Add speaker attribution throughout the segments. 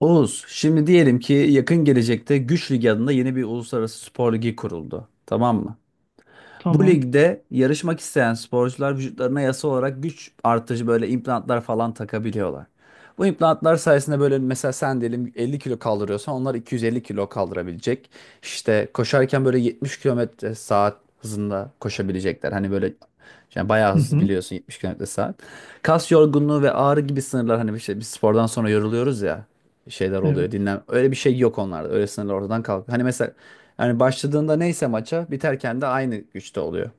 Speaker 1: Oğuz, şimdi diyelim ki yakın gelecekte Güç Ligi adında yeni bir uluslararası spor ligi kuruldu. Tamam mı? Bu
Speaker 2: Tamam.
Speaker 1: ligde yarışmak isteyen sporcular vücutlarına yasa olarak güç artıcı böyle implantlar falan takabiliyorlar. Bu implantlar sayesinde böyle mesela sen diyelim 50 kilo kaldırıyorsan onlar 250 kilo kaldırabilecek. İşte koşarken böyle 70 kilometre saat hızında koşabilecekler. Hani böyle yani bayağı
Speaker 2: Hı
Speaker 1: hızlı
Speaker 2: hı.
Speaker 1: biliyorsun 70 kilometre saat. Kas yorgunluğu ve ağrı gibi sınırlar hani işte biz spordan sonra yoruluyoruz ya, şeyler oluyor
Speaker 2: Evet.
Speaker 1: dinlen. Öyle bir şey yok onlarda. Öyle sınırlar ortadan kalkıyor. Hani mesela yani başladığında neyse maça, biterken de aynı güçte oluyor.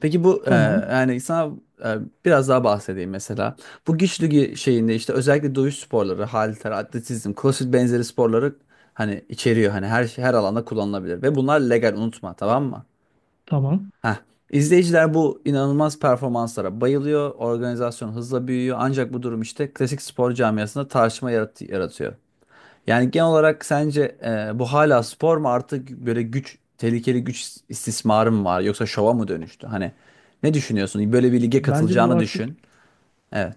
Speaker 1: Peki bu,
Speaker 2: Tamam.
Speaker 1: yani sana e, biraz daha bahsedeyim mesela. Bu güç ligi şeyinde işte özellikle dövüş sporları, halter, atletizm, crossfit benzeri sporları hani içeriyor. Hani her şey, her alanda kullanılabilir ve bunlar legal, unutma, tamam mı?
Speaker 2: Tamam.
Speaker 1: Heh. İzleyiciler bu inanılmaz performanslara bayılıyor. Organizasyon hızla büyüyor. Ancak bu durum işte klasik spor camiasında tartışma yaratıyor. Yani genel olarak sence bu hala spor mu artık, böyle güç, tehlikeli güç istismarı mı var, yoksa şova mı dönüştü? Hani ne düşünüyorsun? Böyle bir lige
Speaker 2: Bence bu
Speaker 1: katılacağını
Speaker 2: artık,
Speaker 1: düşün. Evet.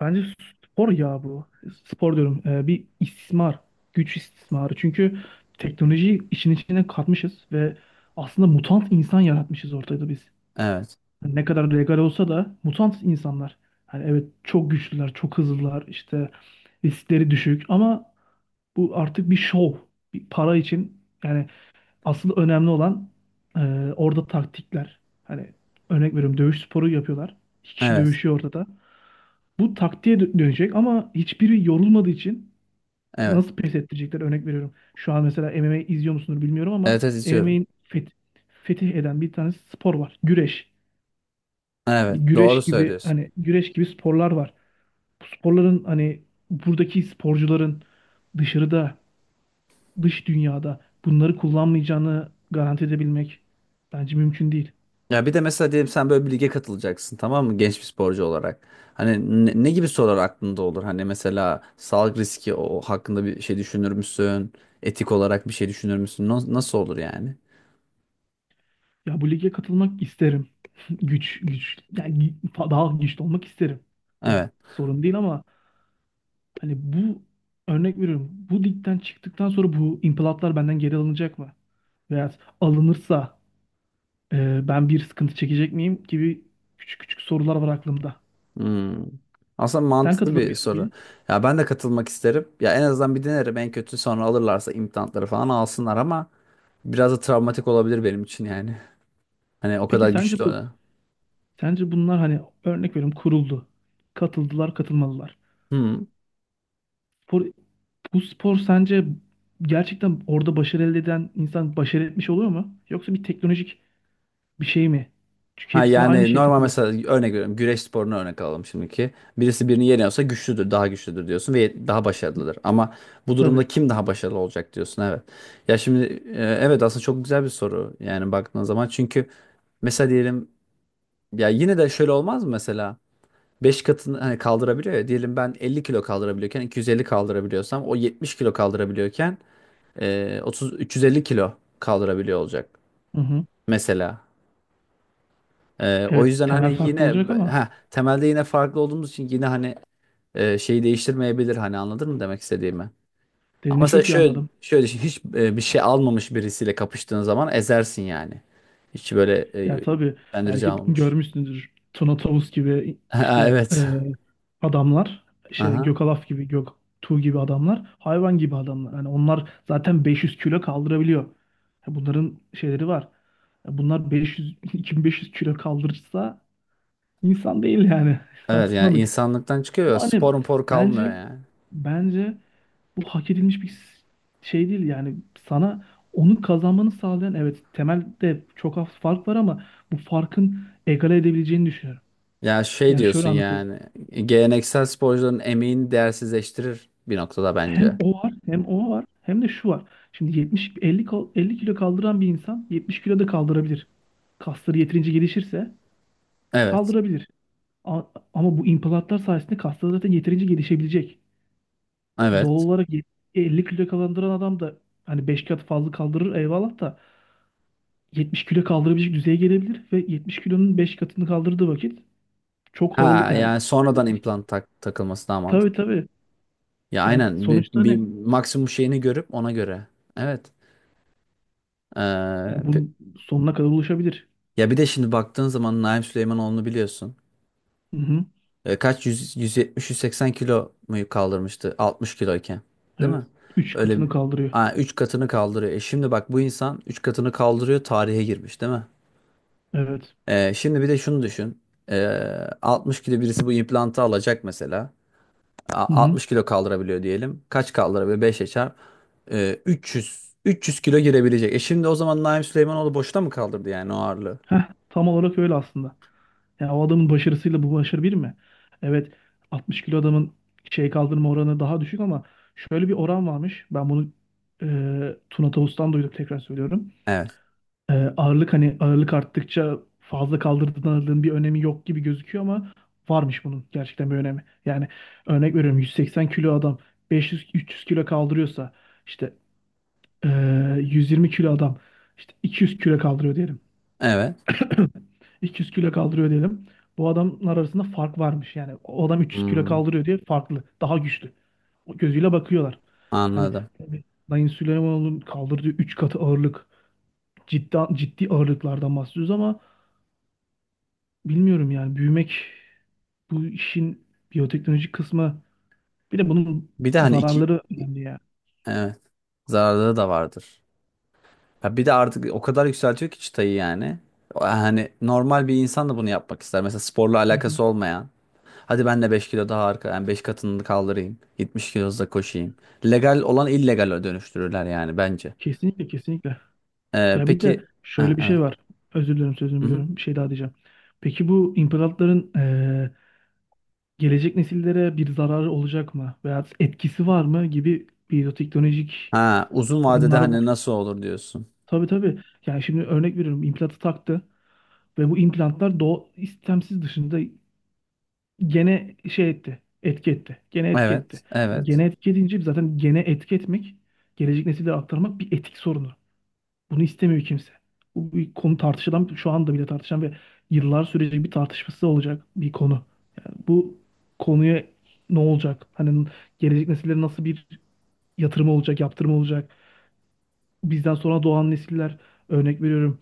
Speaker 2: bence spor ya bu. Spor diyorum. Bir istismar. Güç istismarı. Çünkü teknolojiyi işin içine katmışız ve aslında mutant insan yaratmışız ortada biz.
Speaker 1: Evet.
Speaker 2: Hani ne kadar legal olsa da mutant insanlar. Hani evet çok güçlüler, çok hızlılar, işte riskleri düşük ama bu artık bir şov. Bir para için yani. Asıl önemli olan, e, orada taktikler. Hani örnek veriyorum, dövüş sporu yapıyorlar. İki kişi
Speaker 1: Evet.
Speaker 2: dövüşüyor ortada. Bu taktiğe dönecek ama hiçbiri yorulmadığı için
Speaker 1: Evet.
Speaker 2: nasıl pes ettirecekler, örnek veriyorum. Şu an mesela MMA izliyor musunuz bilmiyorum
Speaker 1: Evet,
Speaker 2: ama
Speaker 1: evet istiyorum.
Speaker 2: MMA'in fetih eden bir tane spor var. Güreş.
Speaker 1: Evet,
Speaker 2: Hani
Speaker 1: doğru
Speaker 2: güreş gibi
Speaker 1: söylüyorsun.
Speaker 2: hani güreş gibi sporlar var. Bu sporların hani buradaki sporcuların dışarıda, dış dünyada bunları kullanmayacağını garanti edebilmek bence mümkün değil.
Speaker 1: Ya bir de mesela diyelim sen böyle bir lige katılacaksın, tamam mı? Genç bir sporcu olarak. Hani ne gibi sorular aklında olur? Hani mesela sağlık riski, o hakkında bir şey düşünür müsün? Etik olarak bir şey düşünür müsün? Nasıl olur yani?
Speaker 2: Ya bu lige katılmak isterim. Güç, güç. Yani daha güçlü olmak isterim. Bu
Speaker 1: Evet.
Speaker 2: sorun değil ama hani bu, örnek veriyorum. Bu ligden çıktıktan sonra bu implatlar benden geri alınacak mı? Veya alınırsa, ben bir sıkıntı çekecek miyim gibi küçük küçük sorular var aklımda.
Speaker 1: Hmm. Aslında
Speaker 2: Sen
Speaker 1: mantıklı
Speaker 2: katılır
Speaker 1: bir
Speaker 2: mıydın
Speaker 1: soru.
Speaker 2: bugün?
Speaker 1: Ya ben de katılmak isterim. Ya en azından bir denerim. En kötü sonra alırlarsa implantları falan alsınlar ama biraz da travmatik olabilir benim için yani. Hani o
Speaker 2: Peki
Speaker 1: kadar
Speaker 2: sence
Speaker 1: güçlü.
Speaker 2: bu sence bunlar hani, örnek veriyorum, kuruldu. Katıldılar, katılmalılar.
Speaker 1: Hmm.
Speaker 2: Spor Bu spor sence gerçekten orada başarı elde eden insan başarı etmiş oluyor mu? Yoksa bir teknolojik bir şey mi? Çünkü
Speaker 1: Ha
Speaker 2: hepsine aynı
Speaker 1: yani
Speaker 2: şey
Speaker 1: normal,
Speaker 2: takılıyor.
Speaker 1: mesela örnek veriyorum. Güreş sporunu örnek alalım şimdiki. Birisi birini yeniyorsa güçlüdür, daha güçlüdür diyorsun ve daha başarılıdır. Ama bu
Speaker 2: Tabii.
Speaker 1: durumda kim daha başarılı olacak diyorsun, evet. Ya şimdi, evet aslında çok güzel bir soru yani baktığın zaman. Çünkü mesela diyelim, ya yine de şöyle olmaz mı mesela? 5 katını hani kaldırabiliyor ya. Diyelim ben 50 kilo kaldırabiliyorken 250 kaldırabiliyorsam, o 70 kilo kaldırabiliyorken 30 350 kilo kaldırabiliyor olacak
Speaker 2: Hı hı.
Speaker 1: mesela. O yüzden
Speaker 2: Evet,
Speaker 1: Hani
Speaker 2: temel farklı
Speaker 1: yine
Speaker 2: olacak ama
Speaker 1: temelde yine farklı olduğumuz için, yine hani şeyi değiştirmeyebilir, hani anladın mı demek istediğimi? Ama
Speaker 2: dediğini
Speaker 1: mesela
Speaker 2: çok iyi
Speaker 1: şöyle
Speaker 2: anladım.
Speaker 1: şöyle düşün, hiç bir şey almamış birisiyle kapıştığın zaman ezersin yani. Hiç böyle e,
Speaker 2: Ya tabii,
Speaker 1: bendirici
Speaker 2: belki
Speaker 1: almamış.
Speaker 2: görmüşsünüzdür Tuna Tavus gibi
Speaker 1: Ha,
Speaker 2: işte
Speaker 1: evet.
Speaker 2: adamlar, işte
Speaker 1: Aha.
Speaker 2: Gökalaf gibi, Göktuğ gibi adamlar, hayvan gibi adamlar. Yani onlar zaten 500 kilo kaldırabiliyor. Ya bunların şeyleri var. Ya bunlar 500 2500 kilo kaldırırsa, İnsan değil yani.
Speaker 1: Evet yani
Speaker 2: Saçmalık.
Speaker 1: insanlıktan çıkıyor ya,
Speaker 2: Ama hani
Speaker 1: spor mpor kalmıyor
Speaker 2: bence
Speaker 1: yani.
Speaker 2: bence bu hak edilmiş bir şey değil yani. Sana onu kazanmanı sağlayan, evet temelde çok az fark var ama bu farkın egale edebileceğini düşünüyorum.
Speaker 1: Ya şey
Speaker 2: Yani şöyle
Speaker 1: diyorsun
Speaker 2: anlatayım.
Speaker 1: yani, geleneksel sporcuların emeğini değersizleştirir bir noktada
Speaker 2: Hem
Speaker 1: bence.
Speaker 2: o var, hem o var, hem de şu var. Şimdi 70 50 50 kilo kaldıran bir insan 70 kilo da kaldırabilir. Kasları yeterince gelişirse
Speaker 1: Evet.
Speaker 2: kaldırabilir. A- Ama bu implantlar sayesinde kasları zaten yeterince gelişebilecek. Doğal
Speaker 1: Evet.
Speaker 2: olarak 50 kilo kaldıran adam da hani 5 kat fazla kaldırır eyvallah da 70 kilo kaldırabilecek düzeye gelebilir ve 70 kilonun 5 katını kaldırdığı vakit çok
Speaker 1: Ha
Speaker 2: ağırlık yani.
Speaker 1: yani sonradan implant takılması daha
Speaker 2: Tabii
Speaker 1: mantıklı.
Speaker 2: tabii.
Speaker 1: Ya
Speaker 2: Yani
Speaker 1: aynen, bir,
Speaker 2: sonuçta
Speaker 1: bir
Speaker 2: ne,
Speaker 1: maksimum şeyini görüp ona göre. Evet. Ee,
Speaker 2: yani
Speaker 1: pe-
Speaker 2: bunun sonuna kadar ulaşabilir.
Speaker 1: Ya bir de şimdi baktığın zaman Naim Süleymanoğlu'nu biliyorsun.
Speaker 2: Hı hı.
Speaker 1: Kaç 100, 170-180 kilo mu kaldırmıştı 60 kiloyken. Değil
Speaker 2: Evet.
Speaker 1: mi?
Speaker 2: Üç
Speaker 1: Öyle
Speaker 2: katını
Speaker 1: bir
Speaker 2: kaldırıyor.
Speaker 1: 3 katını kaldırıyor. Şimdi bak, bu insan 3 katını kaldırıyor, tarihe girmiş değil mi?
Speaker 2: Evet.
Speaker 1: Şimdi bir de şunu düşün. Ee, 60 kilo birisi bu implantı alacak mesela.
Speaker 2: Hı hı.
Speaker 1: 60 kilo kaldırabiliyor diyelim. Kaç kaldırabiliyor? 5'e çarp. 300. 300 kilo girebilecek. Şimdi o zaman Naim Süleymanoğlu boşta mı kaldırdı yani o ağırlığı?
Speaker 2: Heh, tam olarak öyle aslında. Yani o adamın başarısıyla bu başarı bir mi? Evet, 60 kilo adamın şey kaldırma oranı daha düşük ama şöyle bir oran varmış. Ben bunu, e, Tuna Tavus'tan duydum, tekrar söylüyorum.
Speaker 1: Evet.
Speaker 2: Ağırlık, hani ağırlık arttıkça fazla kaldırdığın ağırlığın bir önemi yok gibi gözüküyor ama varmış bunun gerçekten bir önemi. Yani örnek veriyorum, 180 kilo adam 500-300 kilo kaldırıyorsa, işte e, 120 kilo adam işte 200 kilo kaldırıyor diyelim.
Speaker 1: Evet.
Speaker 2: 200 kilo kaldırıyor diyelim. Bu adamlar arasında fark varmış yani. O adam 300 kilo
Speaker 1: Hmm,
Speaker 2: kaldırıyor diye farklı, daha güçlü. O gözüyle bakıyorlar. Hani
Speaker 1: anladım.
Speaker 2: Sayın Süleymanoğlu'nun kaldırdığı 3 katı ağırlık, ciddi ciddi ağırlıklardan bahsediyoruz ama bilmiyorum yani, büyümek, bu işin biyoteknolojik kısmı, bir de bunun
Speaker 1: Bir de hani iki.
Speaker 2: zararları önemli ya.
Speaker 1: Evet. Zararları da vardır. Ya bir de artık o kadar yükseltiyor ki çıtayı yani. Hani normal bir insan da bunu yapmak ister. Mesela sporla
Speaker 2: Hı hı.
Speaker 1: alakası olmayan. Hadi ben de 5 kilo daha arka, yani 5 katını kaldırayım. 70 kilo hızla koşayım. Legal olan illegale dönüştürürler yani bence.
Speaker 2: Kesinlikle, kesinlikle.
Speaker 1: Ee,
Speaker 2: Ya bir de
Speaker 1: peki ha,
Speaker 2: şöyle bir şey
Speaker 1: evet.
Speaker 2: var. Özür dilerim sözünü
Speaker 1: Hı-hı.
Speaker 2: biliyorum, bir şey daha diyeceğim. Peki bu imparatorların gelecek nesillere bir zararı olacak mı veya etkisi var mı gibi biyoteknolojik
Speaker 1: Ha, uzun vadede
Speaker 2: sorunları
Speaker 1: hani
Speaker 2: var.
Speaker 1: nasıl olur diyorsun.
Speaker 2: Tabii tabii. Yani şimdi örnek veriyorum, implantı taktı ve bu implantlar doğu istemsiz dışında gene şey etti. Etki etti. Gene etki
Speaker 1: Evet,
Speaker 2: etti.
Speaker 1: evet.
Speaker 2: Gene etki edince zaten, gene etki etmek, gelecek nesillere aktarmak bir etik sorunu. Bunu istemiyor kimse. Bu bir konu tartışılan, şu anda bile tartışan ve yıllar sürecek bir tartışması olacak bir konu. Yani bu konuya ne olacak? Hani gelecek nesillere nasıl bir yatırım olacak, yaptırım olacak? Bizden sonra doğan nesiller, örnek veriyorum,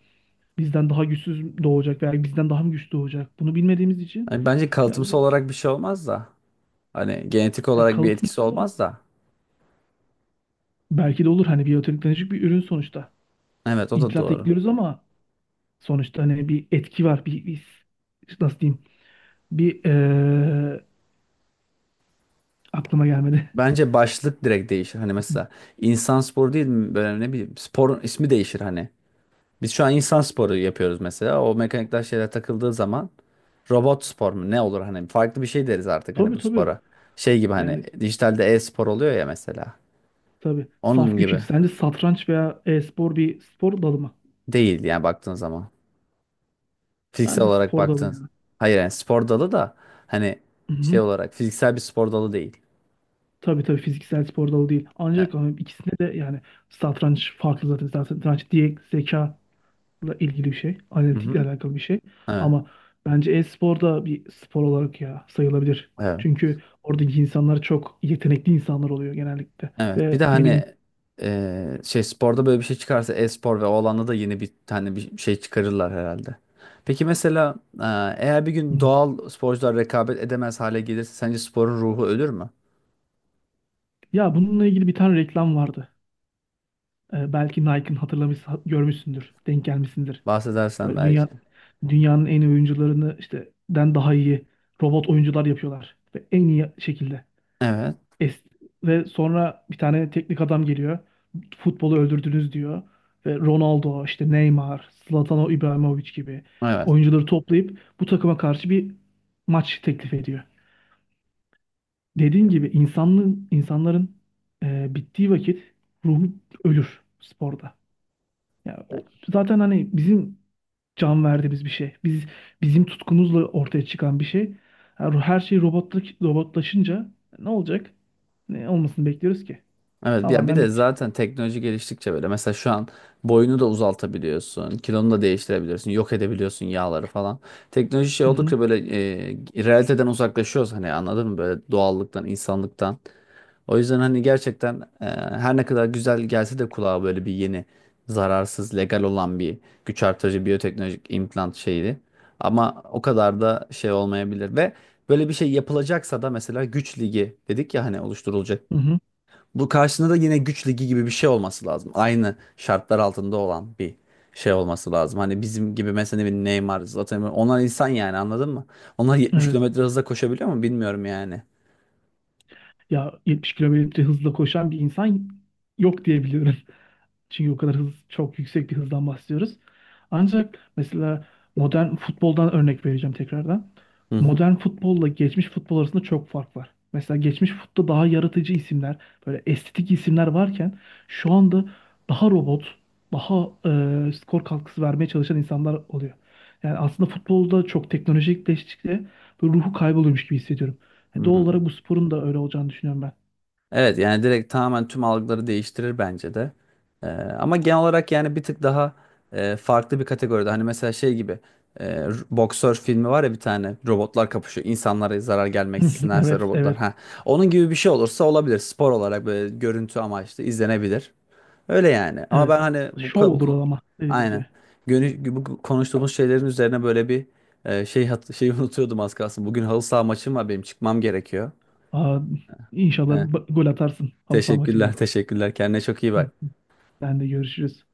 Speaker 2: bizden daha güçsüz doğacak veya bizden daha mı güçlü doğacak? Bunu bilmediğimiz için
Speaker 1: Yani bence kalıtımsal
Speaker 2: birazcık,
Speaker 1: olarak bir şey olmaz da. Hani genetik
Speaker 2: ya
Speaker 1: olarak bir etkisi
Speaker 2: kalıtımsızlar.
Speaker 1: olmaz da.
Speaker 2: Belki de olur, hani biyoteknolojik bir ürün sonuçta.
Speaker 1: Evet, o da
Speaker 2: İmplant
Speaker 1: doğru.
Speaker 2: ekliyoruz ama sonuçta hani bir etki var, bir nasıl diyeyim? bir Aklıma gelmedi.
Speaker 1: Bence başlık direkt değişir. Hani mesela insan sporu değil mi? Böyle, ne bileyim, sporun ismi değişir hani. Biz şu an insan sporu yapıyoruz mesela. O mekanikler, şeyler takıldığı zaman robot spor mu? Ne olur hani, farklı bir şey deriz artık hani
Speaker 2: Tabii
Speaker 1: bu
Speaker 2: tabii.
Speaker 1: spora. Şey gibi, hani
Speaker 2: Yani
Speaker 1: dijitalde e-spor oluyor ya mesela.
Speaker 2: tabii.
Speaker 1: Onun
Speaker 2: Saf güç ilk.
Speaker 1: gibi
Speaker 2: Sence satranç veya e-spor bir spor dalı mı?
Speaker 1: değil yani baktığın zaman. Fiziksel
Speaker 2: Bence
Speaker 1: olarak
Speaker 2: spor dalı
Speaker 1: baktığın.
Speaker 2: ya.
Speaker 1: Hayır, yani spor dalı da hani şey
Speaker 2: Hı-hı.
Speaker 1: olarak fiziksel bir spor dalı değil.
Speaker 2: Tabii tabii, fiziksel spor dalı değil. Ancak
Speaker 1: Evet.
Speaker 2: ama ikisinde de yani satranç farklı zaten. Zaten satranç diye, zekayla ilgili bir şey. Analitikle
Speaker 1: Hı-hı.
Speaker 2: alakalı bir şey.
Speaker 1: Evet.
Speaker 2: Ama bence e-spor da bir spor olarak ya sayılabilir.
Speaker 1: Evet.
Speaker 2: Çünkü oradaki insanlar çok yetenekli insanlar oluyor genellikle.
Speaker 1: Evet. Bir
Speaker 2: Ve
Speaker 1: de
Speaker 2: ne bileyim.
Speaker 1: hani şey sporda böyle bir şey çıkarsa, e-spor ve o alanda da yeni bir tane bir şey çıkarırlar herhalde. Peki mesela e, eğer bir
Speaker 2: Hı.
Speaker 1: gün doğal sporcular rekabet edemez hale gelirse, sence sporun ruhu ölür mü?
Speaker 2: Ya bununla ilgili bir tane reklam vardı. Belki Nike'ın, hatırlamış, görmüşsündür, denk gelmişsindir.
Speaker 1: Bahsedersen
Speaker 2: Böyle dünya
Speaker 1: belki.
Speaker 2: dünyanın en iyi oyuncularını işte den daha iyi robot oyuncular yapıyorlar ve en iyi şekilde.
Speaker 1: Evet.
Speaker 2: Es Ve sonra bir tane teknik adam geliyor. Futbolu öldürdünüz diyor ve Ronaldo, işte Neymar, Zlatan İbrahimovic gibi
Speaker 1: Evet.
Speaker 2: oyuncuları toplayıp bu takıma karşı bir maç teklif ediyor. Dediğin gibi insanların bittiği vakit ruhu ölür sporda. Ya o, zaten hani bizim can verdiğimiz bir şey. Bizim tutkumuzla ortaya çıkan bir şey. Her şey robotlaşınca ne olacak? Ne olmasını bekliyoruz ki?
Speaker 1: Evet. Ya bir
Speaker 2: Tamamen
Speaker 1: de
Speaker 2: bitecek.
Speaker 1: zaten teknoloji geliştikçe böyle, mesela şu an boyunu da uzaltabiliyorsun, kilonu da değiştirebiliyorsun, yok edebiliyorsun yağları falan. Teknoloji şey
Speaker 2: Hı hı.
Speaker 1: oldukça böyle realiteden uzaklaşıyoruz hani, anladın mı? Böyle doğallıktan, insanlıktan. O yüzden hani gerçekten her ne kadar güzel gelse de kulağa, böyle bir yeni, zararsız, legal olan bir güç artırıcı biyoteknolojik implant şeydi. Ama o kadar da şey olmayabilir ve böyle bir şey yapılacaksa da, mesela güç ligi dedik ya hani, oluşturulacak.
Speaker 2: Hı hı.
Speaker 1: Bu karşısında da yine güç ligi gibi bir şey olması lazım. Aynı şartlar altında olan bir şey olması lazım. Hani bizim gibi mesela bir Neymar, Zlatan, onlar insan yani, anladın mı? Onlar 70
Speaker 2: Evet.
Speaker 1: kilometre hızla koşabiliyor mu bilmiyorum yani.
Speaker 2: Ya 70 kilometre hızla koşan bir insan yok diyebiliyorum. Çünkü o kadar hız, çok yüksek bir hızdan bahsediyoruz. Ancak mesela modern futboldan örnek vereceğim tekrardan.
Speaker 1: Hı hı.
Speaker 2: Modern futbolla geçmiş futbol arasında çok fark var. Mesela geçmiş futbolda daha yaratıcı isimler, böyle estetik isimler varken, şu anda daha robot, daha skor katkısı vermeye çalışan insanlar oluyor. Yani aslında futbolda çok teknolojikleştikçe böyle ruhu kayboluyormuş gibi hissediyorum. Yani
Speaker 1: Hı.
Speaker 2: doğal olarak bu sporun da öyle olacağını düşünüyorum ben.
Speaker 1: Evet yani direkt tamamen tüm algıları değiştirir bence de. Ama genel olarak yani bir tık daha farklı bir kategoride. Hani mesela şey gibi, boksör filmi var ya bir tane, robotlar kapışıyor. İnsanlara zarar gelmeksindense
Speaker 2: Evet,
Speaker 1: robotlar.
Speaker 2: evet,
Speaker 1: Ha. Onun gibi bir şey olursa olabilir. Spor olarak böyle görüntü amaçlı izlenebilir. Öyle yani. Ama
Speaker 2: evet.
Speaker 1: ben hani bu,
Speaker 2: Şov
Speaker 1: ka- bu
Speaker 2: olur
Speaker 1: ko-
Speaker 2: o ama dediğimiz
Speaker 1: aynen.
Speaker 2: gibi.
Speaker 1: Bu konuştuğumuz şeylerin üzerine böyle bir şey şeyi unutuyordum az kalsın. Bugün halı saha maçım var, benim çıkmam gerekiyor.
Speaker 2: Aa, inşallah gol atarsın halı saha
Speaker 1: Teşekkürler,
Speaker 2: maçında.
Speaker 1: teşekkürler. Kendine çok iyi bak.
Speaker 2: Sen de görüşürüz.